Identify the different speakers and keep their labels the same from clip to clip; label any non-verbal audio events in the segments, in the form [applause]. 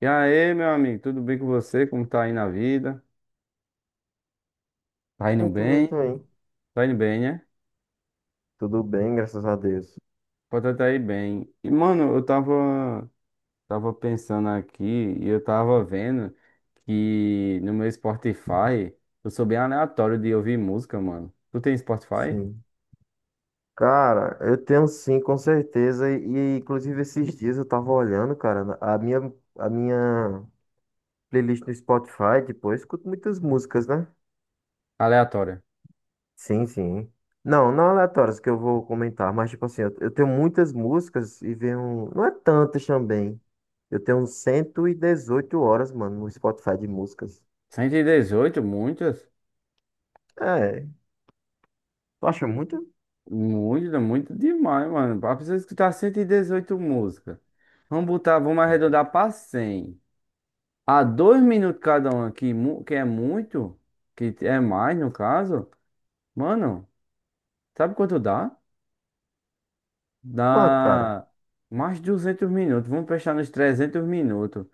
Speaker 1: E aí, meu amigo, tudo bem com você? Como tá aí na vida? Tá indo
Speaker 2: Muito bem
Speaker 1: bem?
Speaker 2: também.
Speaker 1: Tá indo bem, né?
Speaker 2: Tudo bem, graças a Deus.
Speaker 1: Pode tá aí bem. E, mano, eu tava pensando aqui e eu tava vendo que no meu Spotify eu sou bem aleatório de ouvir música, mano. Tu tem Spotify?
Speaker 2: Sim. Cara, eu tenho sim, com certeza. E, inclusive esses [laughs] dias eu tava olhando, cara, a minha playlist no Spotify, tipo, eu escuto muitas músicas, né?
Speaker 1: Aleatória.
Speaker 2: Sim, sim. Não, não aleatórias que eu vou comentar, mas tipo assim, eu tenho muitas músicas e venho. Não é tantas também. Eu tenho 118 horas, mano, no Spotify de músicas.
Speaker 1: 118, muitas?
Speaker 2: É, tu acha muito?
Speaker 1: Muitas, muito demais, mano. Pra pessoa escutar 118 músicas. Vamos botar, vamos arredondar pra 100. A 2 minutos cada um aqui, que é muito, que é mais no caso, mano, sabe quanto dá?
Speaker 2: Quanto, cara?
Speaker 1: Dá mais de 200 minutos. Vamos fechar nos 300 minutos.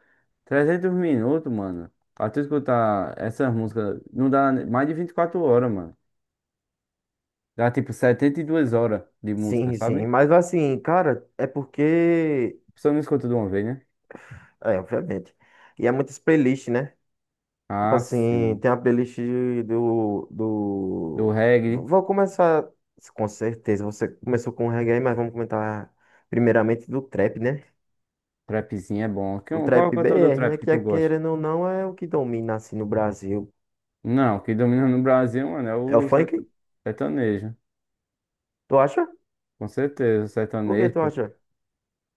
Speaker 1: 300 minutos, mano. Pra tu escutar essas músicas, não dá mais de 24 horas, mano. Dá tipo 72 horas de música,
Speaker 2: Sim, sim.
Speaker 1: sabe?
Speaker 2: Mas assim, cara, é porque.
Speaker 1: A pessoa não escuta de uma vez, né?
Speaker 2: É, obviamente. E é muitas playlists, né? Tipo
Speaker 1: Ah,
Speaker 2: assim,
Speaker 1: sim.
Speaker 2: tem a playlist do,
Speaker 1: Do
Speaker 2: do...
Speaker 1: reggae,
Speaker 2: Vou começar, com certeza, você começou com o reggae, mas vamos comentar primeiramente do trap, né?
Speaker 1: trapzinho é bom.
Speaker 2: O
Speaker 1: Qual é o
Speaker 2: trap
Speaker 1: cantor do
Speaker 2: BR, né?
Speaker 1: trap que
Speaker 2: Que é,
Speaker 1: tu gosta?
Speaker 2: querendo ou não, é o que domina assim no Brasil.
Speaker 1: Não, o que domina no Brasil, mano, é
Speaker 2: É o
Speaker 1: o
Speaker 2: funk?
Speaker 1: sertanejo.
Speaker 2: Tu acha?
Speaker 1: Com certeza, o
Speaker 2: Por que
Speaker 1: sertanejo.
Speaker 2: tu
Speaker 1: Pô.
Speaker 2: acha?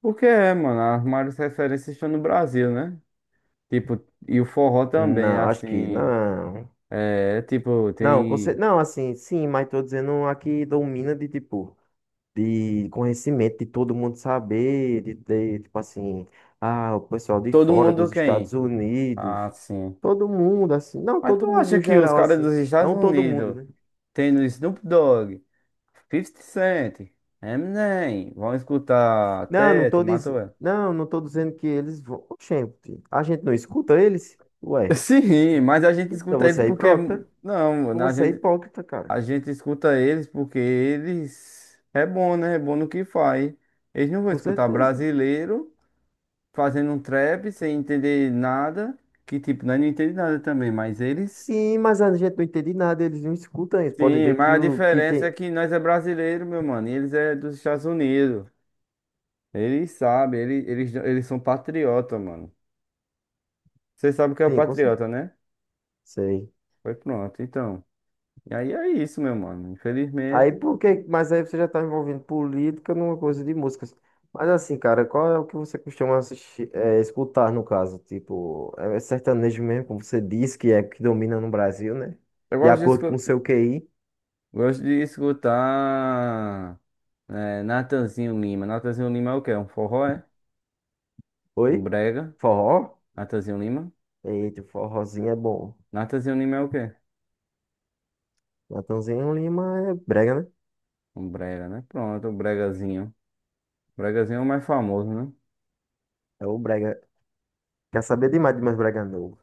Speaker 1: Porque é, mano, as maiores referências estão no Brasil, né? Tipo, e o forró também,
Speaker 2: Não, acho que
Speaker 1: assim.
Speaker 2: não.
Speaker 1: É, tipo,
Speaker 2: Não,
Speaker 1: tem.
Speaker 2: não, assim, sim, mas tô dizendo a que domina de tipo. De conhecimento, de todo mundo saber, de ter, tipo assim, ah, o pessoal de
Speaker 1: Todo
Speaker 2: fora,
Speaker 1: mundo
Speaker 2: dos
Speaker 1: quem?
Speaker 2: Estados Unidos,
Speaker 1: Ah, sim.
Speaker 2: todo mundo, assim, não,
Speaker 1: Mas
Speaker 2: todo
Speaker 1: tu
Speaker 2: mundo
Speaker 1: acha
Speaker 2: no
Speaker 1: que os
Speaker 2: geral,
Speaker 1: caras
Speaker 2: assim,
Speaker 1: dos Estados
Speaker 2: não todo mundo,
Speaker 1: Unidos,
Speaker 2: né?
Speaker 1: tendo Snoop Dogg, Fifty Cent, Eminem, vão escutar
Speaker 2: Não, não
Speaker 1: Teto,
Speaker 2: tô dizendo,
Speaker 1: Matoel?
Speaker 2: não, não tô dizendo que eles vão, gente, a gente não escuta eles?
Speaker 1: [laughs]
Speaker 2: Ué,
Speaker 1: Sim, mas a gente
Speaker 2: então
Speaker 1: escuta ele
Speaker 2: você é
Speaker 1: porque.
Speaker 2: hipócrita?
Speaker 1: Não, mano, a
Speaker 2: Você é
Speaker 1: gente.
Speaker 2: hipócrita, cara,
Speaker 1: A gente escuta eles porque eles é bom, né? É bom no que faz. Eles não vão
Speaker 2: com
Speaker 1: escutar
Speaker 2: certeza.
Speaker 1: brasileiro fazendo um trap sem entender nada, que tipo, nós não entendemos nada também, mas eles
Speaker 2: Sim, mas a gente não entende nada, eles não escutam isso, pode
Speaker 1: sim,
Speaker 2: ver que
Speaker 1: mas a
Speaker 2: o que
Speaker 1: diferença é
Speaker 2: tem,
Speaker 1: que nós é brasileiro, meu mano, e eles é dos Estados Unidos. Eles sabem, eles são patriota, mano. Você sabe o que é
Speaker 2: tem, com certeza,
Speaker 1: patriota, né?
Speaker 2: sei.
Speaker 1: Foi pronto, então. E aí é isso, meu mano.
Speaker 2: Aí
Speaker 1: Infelizmente,
Speaker 2: por que? Mas aí você já tá envolvendo política numa coisa de músicas. Mas assim, cara, qual é o que você costuma assistir, escutar no caso? Tipo, é sertanejo mesmo, como você disse, que é que domina no Brasil, né?
Speaker 1: eu
Speaker 2: De
Speaker 1: gosto de
Speaker 2: acordo
Speaker 1: escutar,
Speaker 2: com o seu QI.
Speaker 1: gosto de escutar Natanzinho Lima. Natanzinho Lima é o quê? Um forró, é?
Speaker 2: Oi?
Speaker 1: Um brega.
Speaker 2: Forró?
Speaker 1: Natanzinho Lima?
Speaker 2: Eita, forrozinho é bom.
Speaker 1: Natanzinho Lima é o quê?
Speaker 2: Natanzinho Lima é brega, né?
Speaker 1: Um brega, né? Pronto, o bregazinho. O bregazinho é o mais famoso, né?
Speaker 2: É o brega. Quer saber demais de mais brega novo.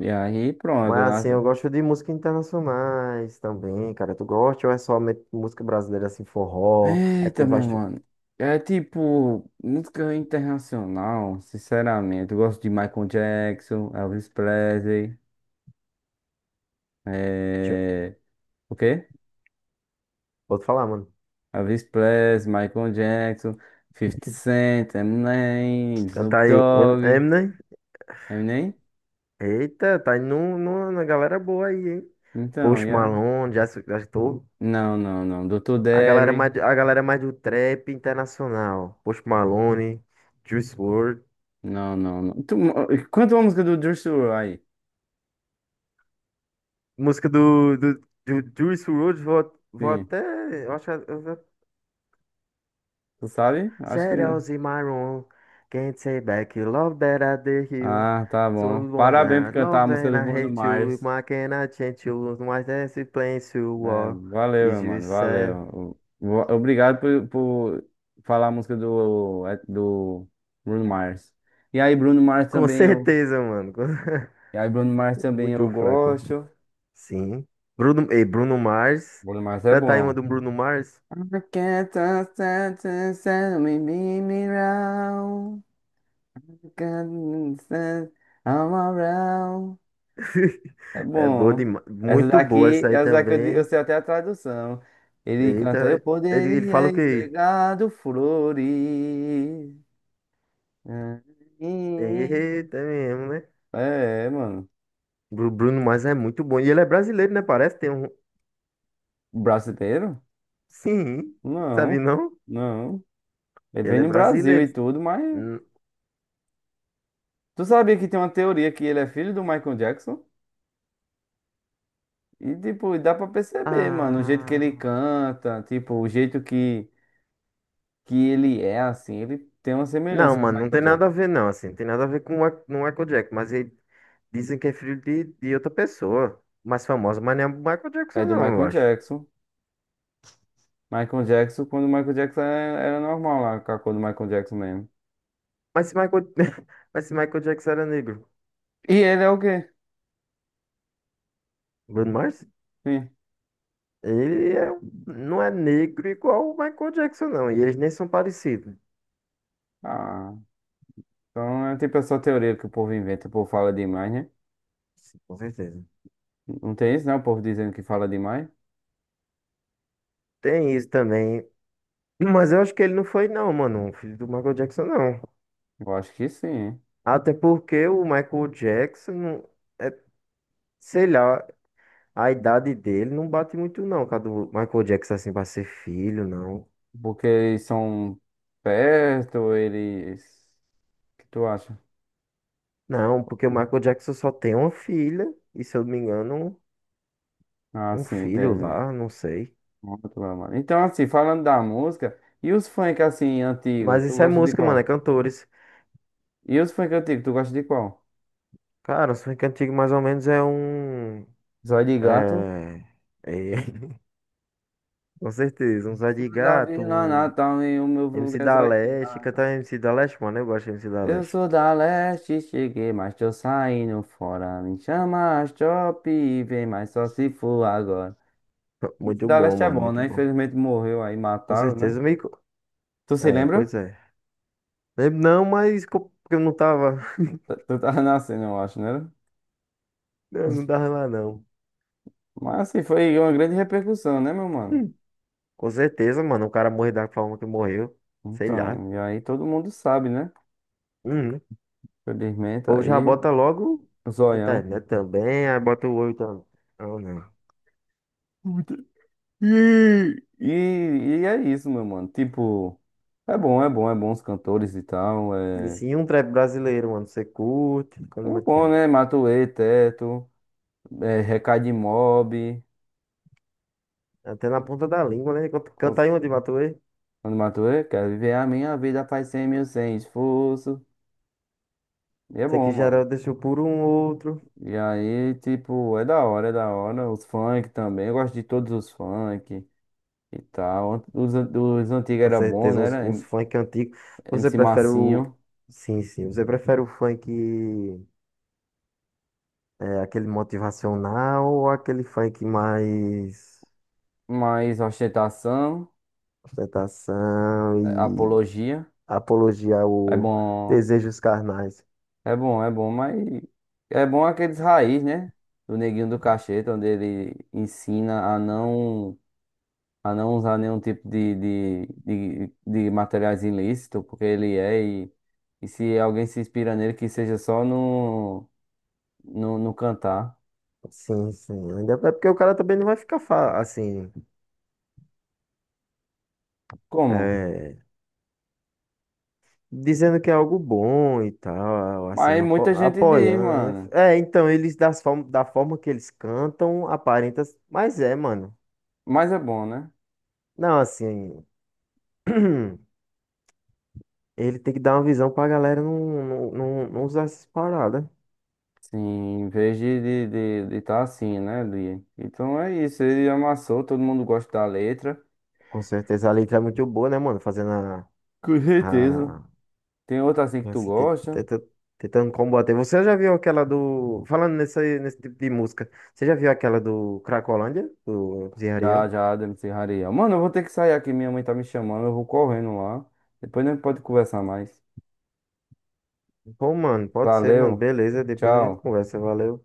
Speaker 1: E aí, pronto.
Speaker 2: Mas assim, eu gosto de música internacionais também, cara. Tu gosta ou é somente música brasileira, assim, forró? Aí
Speaker 1: Eita,
Speaker 2: quando vai.
Speaker 1: meu mano. É tipo, música internacional, sinceramente. Eu gosto de Michael Jackson, Elvis Presley. É... O quê?
Speaker 2: Vou te falar, mano.
Speaker 1: Elvis Presley, Michael Jackson, Fifty Cent, Eminem,
Speaker 2: Cantar
Speaker 1: Snoop
Speaker 2: aí
Speaker 1: Dogg.
Speaker 2: Eminem.
Speaker 1: Eminem?
Speaker 2: Eita, tá indo no, na galera boa aí, hein?
Speaker 1: Então,
Speaker 2: Post
Speaker 1: yeah.
Speaker 2: Malone, já estou.
Speaker 1: Não, não, não. Doutor
Speaker 2: A galera
Speaker 1: Derry.
Speaker 2: mais, a galera mais do trap internacional. Post Malone, Juice WRLD.
Speaker 1: Não, não, não. Tu, quanto a música do Juice WRLD aí?
Speaker 2: Música do Juice WRLD, vou
Speaker 1: Sim.
Speaker 2: até. Eu acho, eu vou.
Speaker 1: Tu sabe? Acho que.
Speaker 2: Shadows in my room. Can't say back you love that I did you.
Speaker 1: Ah, tá
Speaker 2: So
Speaker 1: bom.
Speaker 2: you want
Speaker 1: Parabéns por
Speaker 2: to
Speaker 1: cantar a
Speaker 2: love
Speaker 1: música
Speaker 2: and
Speaker 1: do
Speaker 2: I
Speaker 1: Bruno
Speaker 2: hate you. If
Speaker 1: Mars.
Speaker 2: I cannot change you, my dance is playing you
Speaker 1: É,
Speaker 2: war.
Speaker 1: valeu,
Speaker 2: Is
Speaker 1: meu
Speaker 2: you
Speaker 1: mano.
Speaker 2: sad?
Speaker 1: Valeu. Obrigado por falar a música do, é, do Bruno Mars. E aí, Bruno Mars
Speaker 2: Com
Speaker 1: também eu.
Speaker 2: certeza, mano.
Speaker 1: E aí, Bruno Mars
Speaker 2: [laughs]
Speaker 1: também eu
Speaker 2: Muito fraco.
Speaker 1: gosto.
Speaker 2: Sim. Bruno, e Bruno Mars.
Speaker 1: Bruno Mars é
Speaker 2: Canta aí uma
Speaker 1: bom.
Speaker 2: do Bruno Mars.
Speaker 1: I can't stand to send me, me me round. I'm around. É
Speaker 2: [laughs] É boa
Speaker 1: bom.
Speaker 2: demais.
Speaker 1: Essa
Speaker 2: Muito boa
Speaker 1: daqui,
Speaker 2: essa aí
Speaker 1: essa daqui eu
Speaker 2: também.
Speaker 1: sei até a tradução. Ele canta, eu
Speaker 2: Eita, ele
Speaker 1: poderia
Speaker 2: fala o quê?
Speaker 1: entregar do flores.
Speaker 2: Eita mesmo, né?
Speaker 1: É, mano.
Speaker 2: Bruno Mars é muito bom. E ele é brasileiro, né? Parece tem um.
Speaker 1: Brasileiro?
Speaker 2: Sim, sabe
Speaker 1: Não,
Speaker 2: não?
Speaker 1: não. Ele vem
Speaker 2: Ele é
Speaker 1: no Brasil e
Speaker 2: brasileiro.
Speaker 1: tudo, mas.
Speaker 2: Hum,
Speaker 1: Tu sabia que tem uma teoria que ele é filho do Michael Jackson? E, tipo, dá pra perceber, mano, o jeito que
Speaker 2: Ah.
Speaker 1: ele canta, tipo, o jeito que ele é assim, ele tem uma
Speaker 2: Não,
Speaker 1: semelhança com o
Speaker 2: mano, não tem
Speaker 1: Michael
Speaker 2: nada a
Speaker 1: Jackson.
Speaker 2: ver, não. Assim, não tem nada a ver com o Michael Jackson, mas ele. Dizem que é filho de outra pessoa, mais famosa, mas não é o Michael
Speaker 1: É
Speaker 2: Jackson,
Speaker 1: do
Speaker 2: não, eu
Speaker 1: Michael
Speaker 2: acho.
Speaker 1: Jackson. Michael Jackson, quando o Michael Jackson era normal lá, com a cor do Michael Jackson mesmo.
Speaker 2: Mas se Michael, [laughs] mas se Michael Jackson era negro,
Speaker 1: E ele é o quê?
Speaker 2: Bruno Mars,
Speaker 1: Sim.
Speaker 2: ele é, não é negro igual o Michael Jackson, não. E eles nem são parecidos.
Speaker 1: Ah, então é tipo essa teoria que o povo inventa, o povo fala demais, né?
Speaker 2: Sim, com certeza.
Speaker 1: Não tem isso, né? O povo dizendo que fala demais.
Speaker 2: Tem isso também. Mas eu acho que ele não foi, não, mano, um filho do Michael Jackson, não.
Speaker 1: Eu acho que sim, hein?
Speaker 2: Até porque o Michael Jackson, não- é, sei lá, a idade dele não bate muito, não, com a do Michael Jackson, assim, pra ser filho, não.
Speaker 1: Porque eles são perto, eles. O que tu acha?
Speaker 2: Não, porque o Michael Jackson só tem uma filha, e se eu não me engano,
Speaker 1: Ah,
Speaker 2: um
Speaker 1: sim,
Speaker 2: filho
Speaker 1: entendi.
Speaker 2: lá, não sei.
Speaker 1: Muito bom, mano. Então, assim, falando da música, e os funk assim, antigos,
Speaker 2: Mas
Speaker 1: tu
Speaker 2: isso é
Speaker 1: gosta de
Speaker 2: música, mano, é
Speaker 1: qual?
Speaker 2: cantores.
Speaker 1: E os funk antigos, tu gosta de qual?
Speaker 2: Cara, o funk antigo mais ou menos é um.
Speaker 1: Zóio de gato?
Speaker 2: É. É, [laughs] com certeza, um Zé de
Speaker 1: Sou da
Speaker 2: Gato,
Speaker 1: Vila
Speaker 2: um
Speaker 1: Natal e o meu vulgo
Speaker 2: MC
Speaker 1: é
Speaker 2: da
Speaker 1: zóio de
Speaker 2: Leste.
Speaker 1: gato.
Speaker 2: Cantar MC da Leste, mano, eu gosto de MC da
Speaker 1: Eu
Speaker 2: Leste.
Speaker 1: sou da leste, cheguei, mas tô saindo fora. Me chama as top e vem, mas só se for agora.
Speaker 2: [laughs]
Speaker 1: Esse
Speaker 2: Muito
Speaker 1: da
Speaker 2: bom,
Speaker 1: leste é
Speaker 2: mano,
Speaker 1: bom,
Speaker 2: muito
Speaker 1: né?
Speaker 2: bom.
Speaker 1: Infelizmente morreu aí,
Speaker 2: Com
Speaker 1: mataram, né?
Speaker 2: certeza, me. Co-
Speaker 1: Tu se
Speaker 2: É,
Speaker 1: lembra?
Speaker 2: pois é. Lembro não, mas porque eu não tava. [laughs]
Speaker 1: Tu tava [laughs] nascendo, eu acho, né?
Speaker 2: Eu não tava lá, não.
Speaker 1: Mas assim, foi uma grande repercussão, né, meu mano?
Speaker 2: Hum. Com certeza, mano, o cara morreu da forma que morreu. Sei lá.
Speaker 1: Então, e aí todo mundo sabe, né?
Speaker 2: Uhum. O
Speaker 1: Felizmente
Speaker 2: povo já
Speaker 1: aí,
Speaker 2: bota logo
Speaker 1: o
Speaker 2: na
Speaker 1: zoião.
Speaker 2: internet também, aí bota o olho também. Não, não.
Speaker 1: E, e, e é isso, meu mano. Tipo, é bom, é bom, é bom os cantores e tal.
Speaker 2: Sim,
Speaker 1: É
Speaker 2: sim, um trap brasileiro, mano. Você curte, como
Speaker 1: um
Speaker 2: é que
Speaker 1: bom,
Speaker 2: é?
Speaker 1: né? Matuê, Teto, é, Recado de Mob.
Speaker 2: Até na ponta da língua, né? Canta
Speaker 1: cons-
Speaker 2: aí uma de Matuê.
Speaker 1: Quando Matuê, quero viver a minha vida, faz 100 mil, sem esforço. E é
Speaker 2: Esse
Speaker 1: bom,
Speaker 2: aqui já era,
Speaker 1: mano.
Speaker 2: deixou por um outro.
Speaker 1: E aí, tipo, é da hora, é da hora. Os funk também, eu gosto de todos os funk e tal. Os, os antigos
Speaker 2: Com
Speaker 1: era bom,
Speaker 2: certeza,
Speaker 1: né?
Speaker 2: uns,
Speaker 1: Era
Speaker 2: uns funk antigos. Você
Speaker 1: MC
Speaker 2: prefere o.
Speaker 1: Massinho,
Speaker 2: Sim, sim. Você prefere o funk, aquele motivacional ou aquele funk mais
Speaker 1: mas ostentação,
Speaker 2: ostentação
Speaker 1: é,
Speaker 2: e
Speaker 1: apologia.
Speaker 2: apologia
Speaker 1: É
Speaker 2: ao
Speaker 1: bom,
Speaker 2: desejos carnais?
Speaker 1: é bom, é bom, mas é bom aqueles raiz, né? Do Neguinho do Cacheta, onde ele ensina a não usar nenhum tipo de materiais ilícitos, porque ele é, e se alguém se inspira nele, que seja só no cantar.
Speaker 2: Sim, sim. Ainda é porque o cara também não vai ficar assim,
Speaker 1: Como?
Speaker 2: é, dizendo que é algo bom e tal, assim,
Speaker 1: Mas muita
Speaker 2: apo
Speaker 1: gente diz,
Speaker 2: apoiando. Aí.
Speaker 1: mano.
Speaker 2: É, então, eles das form da forma que eles cantam, aparenta, mas é, mano.
Speaker 1: Mas é bom, né?
Speaker 2: Não, assim, [clears throat] ele tem que dar uma visão pra galera não, não, não, não usar essas paradas.
Speaker 1: Sim, em vez de estar de tá assim, né? De... Então é isso, ele amassou, todo mundo gosta da letra,
Speaker 2: Com certeza a letra é muito boa, né, mano? Fazendo a,
Speaker 1: com certeza.
Speaker 2: a
Speaker 1: Tem outra assim que tu
Speaker 2: Nossa,
Speaker 1: gosta?
Speaker 2: tentando combater. Você já viu aquela do. Falando nesse tipo de música, você já viu aquela do Cracolândia, do Zé
Speaker 1: Já,
Speaker 2: Ariel?
Speaker 1: já, da MC Rariel. Mano, eu vou ter que sair aqui, minha mãe tá me chamando, eu vou correndo lá. Depois a gente pode conversar mais.
Speaker 2: Pô, mano, pode ser, mano.
Speaker 1: Valeu,
Speaker 2: Beleza, depois a gente
Speaker 1: tchau.
Speaker 2: conversa. Valeu.